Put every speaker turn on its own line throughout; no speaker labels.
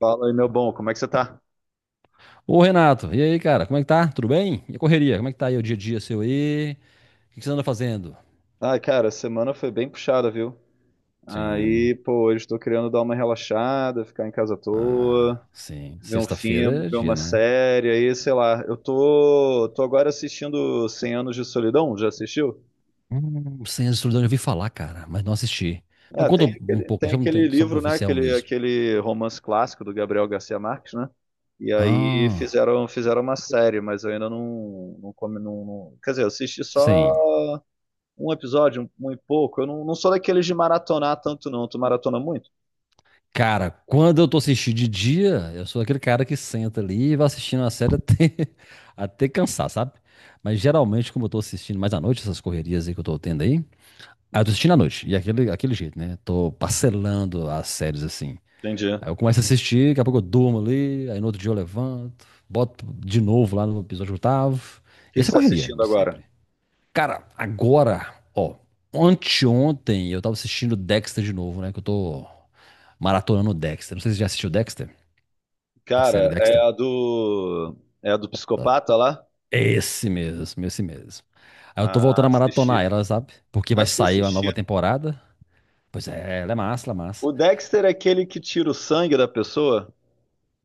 Fala aí, meu bom, como é que você tá?
Ô Renato, e aí, cara, como é que tá? Tudo bem? E a correria? Como é que tá aí o dia a dia seu aí? O que que você anda fazendo?
Ah cara, a semana foi bem puxada, viu?
Sim.
Aí, pô, hoje tô querendo dar uma relaxada, ficar em casa à toa,
Ah, sim.
ver um
Sexta-feira
filme,
é
ver
dia,
uma
né?
série, aí, sei lá. Eu tô agora assistindo Cem Anos de Solidão, já assistiu?
Senhor de Solidão, eu ouvi falar, cara, mas não assisti. Mas
É,
conta
tem
um
aquele,
pouco,
tem
só, um
aquele
tanto, só pro
livro, né?
oficial
Aquele,
mesmo.
aquele romance clássico do Gabriel Garcia Marques, né? E aí
Ah,
fizeram uma série, mas eu ainda Quer dizer, eu assisti só
sim.
um episódio, um e pouco. Eu não sou daqueles de maratonar tanto, não. Tu maratona muito?
Cara, quando eu tô assistindo de dia, eu sou aquele cara que senta ali e vai assistindo a série até, até cansar, sabe? Mas geralmente, como eu tô assistindo mais à noite, essas correrias aí que eu tô tendo aí. Aí eu tô assistindo à noite, e aquele jeito, né? Tô parcelando as séries assim.
Entendi. O
Aí eu começo a assistir, daqui a pouco eu durmo ali, aí no outro dia eu levanto, boto de novo lá no episódio oitavo.
que
E
que
essa
você
é
tá
correria
assistindo
de
agora?
sempre. Cara, agora, ó, anteontem eu tava assistindo Dexter de novo, né? Que eu tô maratonando Dexter. Não sei se você já assistiu Dexter, a série
Cara, é
Dexter.
a do. É a do
Tá.
psicopata lá?
Esse mesmo, esse mesmo. Aí eu tô
Ah,
voltando a maratonar
assisti.
ela, sabe? Porque vai
Acho que eu
sair uma
assisti.
nova temporada. Pois é, ela é massa, ela é massa.
O Dexter é aquele que tira o sangue da pessoa?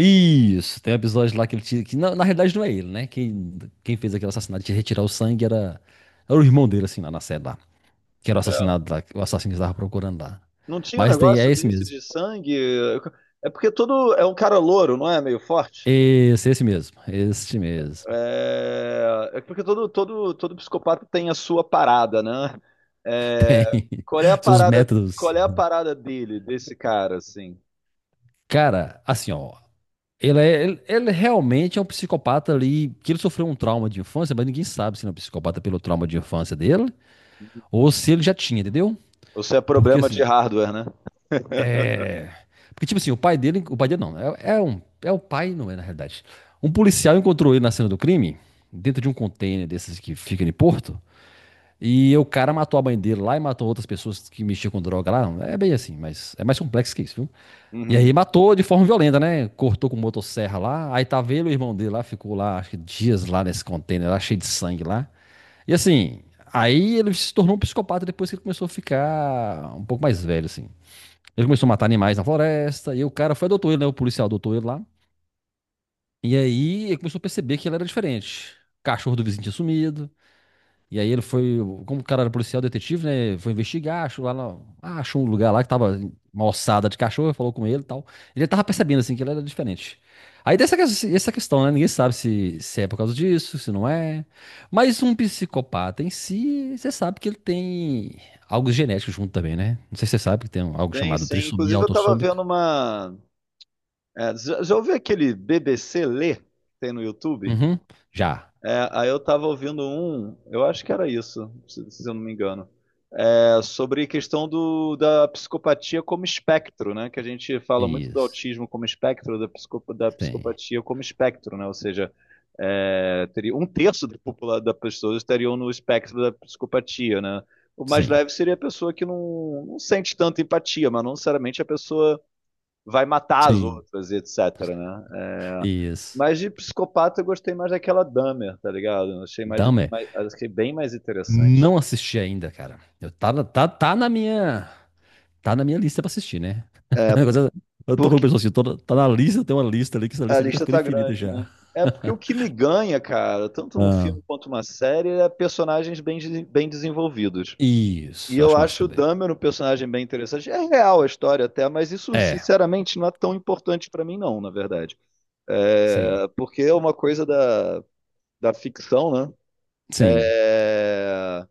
Isso, tem um episódio lá que ele tira, que na realidade não é ele, né? Quem fez aquele assassinato de retirar o sangue era o irmão dele, assim, lá na série lá. Que era o
É.
assassinado lá, o assassino que estava procurando lá.
Não tinha um
Mas tem, é
negócio
esse
desse
mesmo.
de sangue? É porque todo. É um cara louro, não é? Meio forte?
Esse mesmo. Este mesmo.
É porque todo psicopata tem a sua parada, né? É,
Tem
qual é a
seus
parada,
métodos.
qual é a parada dele, desse cara, assim?
Cara, assim, ó. Ele realmente é um psicopata ali, que ele sofreu um trauma de infância, mas ninguém sabe se ele é um psicopata pelo trauma de infância dele ou se ele já tinha, entendeu?
Ou se é
Porque
problema de
assim,
hardware, né?
é. Porque, tipo assim, o pai dele. O pai dele não. É o pai, não é, na realidade. Um policial encontrou ele na cena do crime, dentro de um container desses que fica em Porto. E o cara matou a mãe dele lá e matou outras pessoas que mexiam com droga lá. É bem assim, mas é mais complexo que isso, viu? E
Uhum.
aí matou de forma violenta, né? Cortou com motosserra lá. Aí tava ele o irmão dele lá, ficou lá, acho que dias lá nesse container lá, cheio de sangue lá. E assim, aí ele se tornou um psicopata depois que ele começou a ficar um pouco mais velho, assim. Ele começou a matar animais na floresta, e o cara foi adotou ele, né? O policial adotou ele lá. E aí ele começou a perceber que ele era diferente. O cachorro do vizinho tinha sumido. E aí ele foi, como o cara era policial detetive, né? Foi investigar, achou lá, achou um lugar lá que tava uma ossada de cachorro, falou com ele e tal. Ele tava percebendo assim que ele era diferente. Aí tem essa questão, né? Ninguém sabe se é por causa disso, se não é. Mas um psicopata em si, você sabe que ele tem algo genético junto também, né? Não sei se você sabe que tem algo
Sim,
chamado
sim.
trissomia
Inclusive eu tava
autossômica.
vendo uma. É, já ouviu aquele BBC Lê que tem no YouTube?
Uhum. Já.
É, aí eu tava ouvindo um, eu acho que era isso, se eu não me engano. É, sobre a questão da psicopatia como espectro, né? Que a gente fala muito do
Isso.
autismo como espectro, da
Sim.
psicopatia como espectro, né? Ou seja, é, teria um terço da população das pessoas estariam no espectro da psicopatia, né? O mais
Sim.
leve seria a pessoa que não sente tanta empatia, mas não necessariamente a pessoa vai matar as
Sim.
outras, etc, né? É,
Isso.
mas de psicopata eu gostei mais daquela Dahmer, tá ligado? Eu Achei mais,
Dahmer.
mais achei bem mais interessante.
Não assisti ainda, cara. Eu, tá, na- tá, tá na minha. Tá na minha lista pra assistir, né?
É,
Agora, eu tô falando pra
porque
pessoa assim, tá na lista, tem uma lista ali, que essa
a
lista aqui tá
lista
ficando
tá
infinita
grande, né?
já.
É porque o que me ganha, cara, tanto num
Ah,
filme quanto numa série, é personagens bem desenvolvidos. E
isso,
eu
acho massa
acho o
também.
Dahmer um personagem bem interessante. É real a história até, mas isso,
É,
sinceramente, não é tão importante pra mim, não, na verdade.
sim,
É, porque é uma coisa da ficção, né?
sim,
É,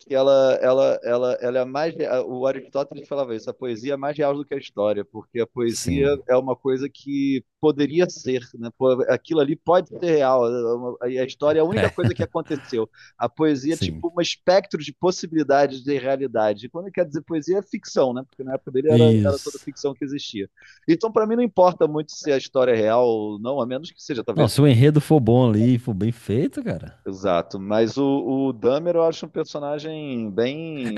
que ela é mais. O Aristóteles falava isso, a poesia é mais real do que a história, porque a poesia
sim,
é uma coisa que poderia ser, né? Pô, aquilo ali pode ser real, e a história é a única
é,
coisa que aconteceu. A poesia é
sim.
tipo um espectro de possibilidades de realidade. E quando quer dizer poesia, é ficção, né? Porque na época dele era toda
Isso.
ficção que existia. Então, para mim, não importa muito se a história é real ou não, a menos que seja
Não,
talvez
se o enredo for bom ali, for bem feito, cara.
exato. Mas o Dahmer eu acho um personagem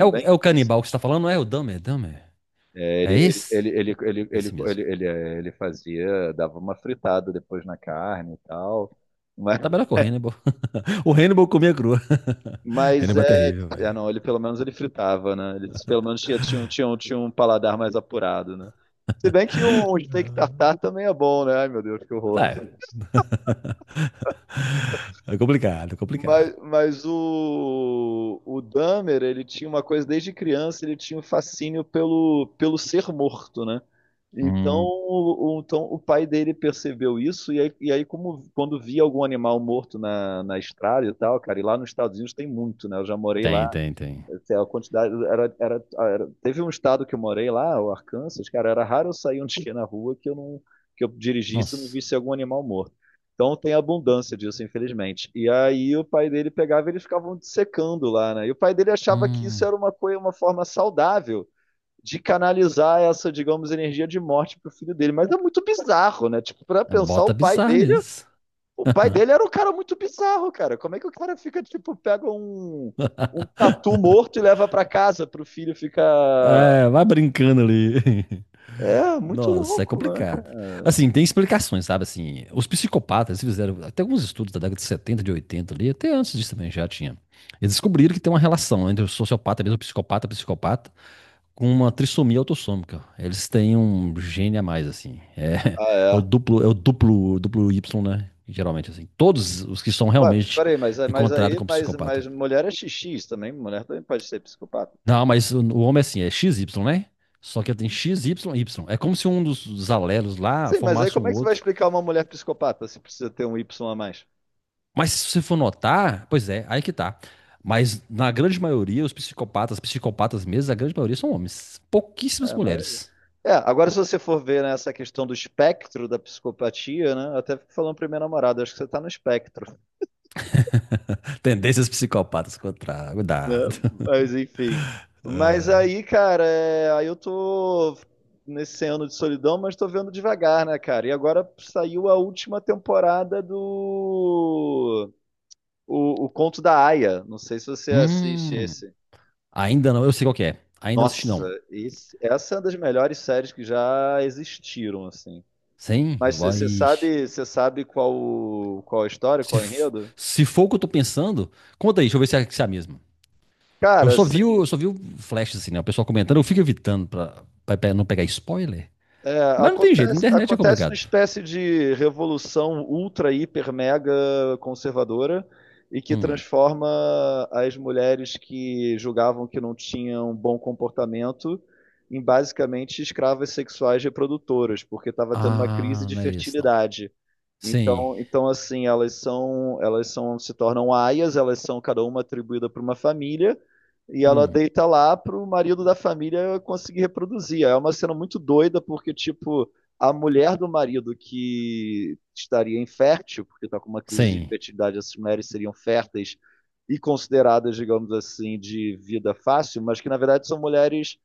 É o, é
bem
o canibal que você tá falando, não é? O Dahmer, Dahmer.
É,
É esse? Esse mesmo.
ele fazia, dava uma fritada depois na carne e tal. Mas,
Tá melhor que o Hannibal. O Hannibal comia crua.
mas
Hannibal é terrível, velho.
não, ele pelo menos ele fritava, né? Ele pelo menos tinha um paladar mais apurado, né? Se bem que um steak tartar também é bom, né? Ai, meu Deus, que
Tá,
horror.
é É complicado, é complicado.
Mas o Dahmer, ele tinha uma coisa desde criança, ele tinha um fascínio pelo ser morto, né? Então
Hum,
o pai dele percebeu isso, e aí como, quando via algum animal morto na estrada e tal, cara, e lá nos Estados Unidos tem muito, né? Eu já morei lá,
tem, tem, tem.
a quantidade teve um estado que eu morei lá, o Arkansas, cara, era raro eu sair um dia na rua que eu dirigisse e não
Nossa.
visse algum animal morto. Então tem abundância disso, infelizmente. E aí o pai dele pegava e eles ficavam dissecando lá, né? E o pai dele achava que isso
Hum,
era uma coisa, uma forma saudável de canalizar essa, digamos, energia de morte pro filho dele. Mas é muito bizarro, né? Tipo, para pensar
bota bizarro nisso.
o pai dele era um cara muito bizarro, cara. Como é que o cara fica, tipo, pega um tatu morto e leva pra casa pro filho ficar.
É, vai brincando ali.
É, muito
Nossa, é
louco, né, cara?
complicado. Assim, tem explicações, sabe? Assim, os psicopatas eles fizeram até alguns estudos da década de 70 de 80 ali, até antes disso também já tinha. Eles descobriram que tem uma relação entre o sociopata mesmo, o psicopata, com uma trissomia autossômica. Eles têm um gene a mais, assim. É,
Ah,
é o
é.
duplo, é o duplo, duplo Y, né? Geralmente, assim. Todos os que são
Ué, mas
realmente
peraí, mas, mas
encontrados
aí,
com
mas,
psicopata.
mas mulher é xx também, mulher também pode ser psicopata.
Não, mas o homem é assim, é X Y né? Só que ele tem X Y Y. É como se um dos alelos lá
Sim, mas aí
formasse um
como é que você vai
outro.
explicar uma mulher psicopata se precisa ter um Y a mais?
Mas se você for notar, pois é, aí que tá. Mas na grande maioria, os psicopatas, psicopatas mesmo, a grande maioria são homens.
É,
Pouquíssimas
a maioria.
mulheres.
É, agora se você for ver, né, essa questão do espectro da psicopatia, né, eu até fico falando pra minha namorada, acho que você tá no espectro.
Tendências psicopatas contra.
Né?
Cuidado.
Mas enfim. Mas aí, cara, é, aí eu tô nesse ano de solidão, mas tô vendo devagar, né, cara? E agora saiu a última temporada do o Conto da Aia. Não sei se você assiste
Hum.
esse.
Ainda não, eu sei qual que é. Ainda não assisti,
Nossa,
não.
essa é uma das melhores séries que já existiram, assim.
Sim,
Mas
vai.
você sabe qual qual a história,
Se,
qual o
f-
enredo?
se for o que eu tô pensando, conta aí, deixa eu ver se é, a mesma. Eu
Cara,
só vi, o-
assim,
eu só vi o flash, assim, né? O pessoal comentando, eu fico evitando pra não pegar spoiler.
é,
Mas não tem jeito, internet é
acontece uma
complicado.
espécie de revolução ultra, hiper, mega conservadora e que
Hum.
transforma as mulheres que julgavam que não tinham bom comportamento em basicamente escravas sexuais reprodutoras, porque estava tendo uma crise
Ah,
de
não é esse, não.
fertilidade.
Sim.
Então assim, se tornam aias, elas são cada uma atribuída para uma família, e ela
Hum.
deita lá para o marido da família conseguir reproduzir. É uma cena muito doida, porque, tipo, a mulher do marido que estaria infértil, porque está com uma crise de
Sim.
fertilidade, essas mulheres seriam férteis e consideradas, digamos assim, de vida fácil, mas que, na verdade, são mulheres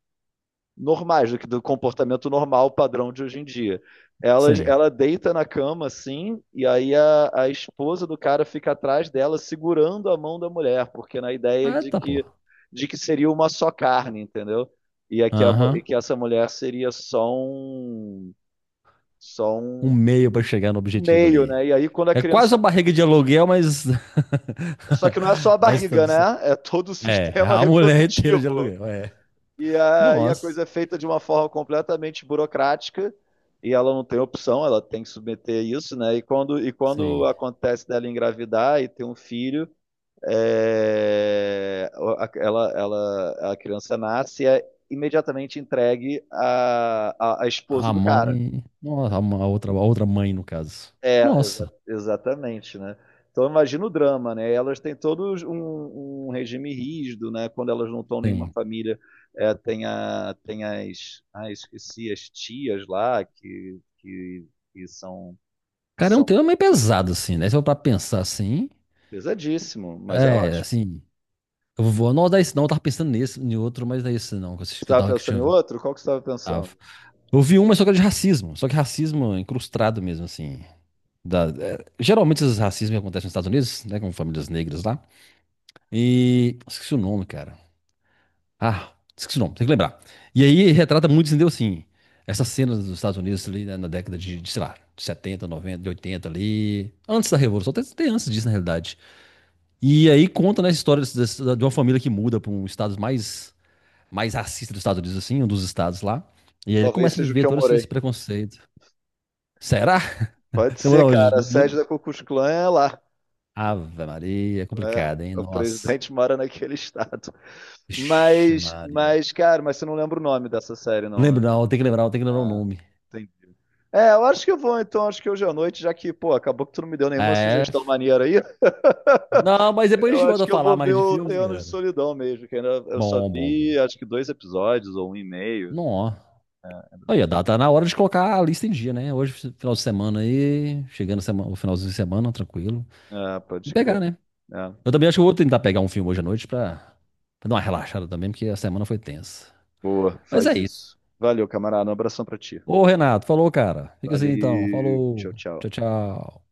normais, do comportamento normal, padrão de hoje em dia. Ela,
Sim.
ela deita na cama, assim, e aí a esposa do cara fica atrás dela, segurando a mão da mulher, porque na ideia
Ah,
de
tá, pô.
que, seria uma só carne, entendeu? E é que, a, mu- e
Aham.
que essa mulher seria só um, só
Um
um,
meio pra chegar no
um
objetivo
meio,
ali.
né? E aí quando a
É quase uma
criança.
barriga de aluguel, mas.
Só que não é só a
mas tá
barriga, né? É todo o
É,
sistema
a mulher inteira de
reprodutivo.
aluguel, é.
E aí a
Nossa,
coisa é feita de uma forma completamente burocrática e ela não tem opção, ela tem que submeter isso, né? E quando
sim.
acontece dela engravidar e ter um filho, a criança nasce e é imediatamente entregue à esposa
A
do cara.
mãe. Nossa, a outra mãe, no caso.
É,
Nossa,
exatamente, né. Então imagina o drama, né, elas têm todos um regime rígido, né, quando elas não estão em uma
sim.
família, tem a tem as esqueci, as tias lá que são que
Cara, é um
são
tema meio pesado, assim, né? Se eu pra pensar assim.
pesadíssimo, mas é
É,
ótimo.
assim. Eu vou anotar esse não, eu tava pensando nesse, em outro, mas não é esse não,
Você estava
que eu
pensando
tinha
em
visto.
outro? Qual que você estava
Tava.
pensando?
Eu vi um, mas só que era de racismo. Só que racismo incrustado mesmo, assim. Geralmente esses racismos acontecem nos Estados Unidos, né? Com famílias negras lá. Esqueci o nome, cara. Ah, esqueci o nome, tem que lembrar. E aí retrata muito, entendeu? Assim, essas cenas dos Estados Unidos ali né, na década de, sei lá, de 70, 90, de 80 ali, antes da Revolução, até antes disso na realidade. E aí conta né, a história de uma família que muda para um estado mais racista dos Estados Unidos, assim, um dos estados lá. E aí ele
Talvez
começa a
seja o
viver
que eu
todo esse
morei.
preconceito. Será?
Pode
Você
ser,
mora onde?
cara, a
No,
sede
no...
da Ku Klux Klan é lá.
Ave Maria, é
É.
complicado, hein?
O
Nossa.
presidente mora naquele estado.
Ixi,
Mas
Maria.
mas, cara, mas você não lembra o nome dessa série não, né?
Lembro não, tem que lembrar o
Ah,
nome.
entendi. É, eu acho que eu vou, então, acho que hoje à noite, já que, pô, acabou que tu não me deu nenhuma
É,
sugestão maneira aí,
não, mas depois a
eu
gente
acho
volta a
que eu
falar
vou ver
mais de
o 100
filmes,
Anos de
cara.
Solidão mesmo, que ainda eu só
Bom, bom,
vi,
bom.
acho que dois episódios ou um e meio.
Não, aí, dá, tá na hora de colocar a lista em dia, né? Hoje, final de semana aí, chegando o finalzinho de semana, tranquilo.
É,
E
pode
pegar,
crer.
né?
É,
Eu também acho que eu vou tentar pegar um filme hoje à noite pra dar uma relaxada também, porque a semana foi tensa.
boa,
Mas
faz
é isso.
isso. Valeu, camarada, um abração pra ti.
Ô, Renato, falou, cara. Fica assim então.
Valeu,
Falou.
tchau,
Tchau,
tchau.
tchau.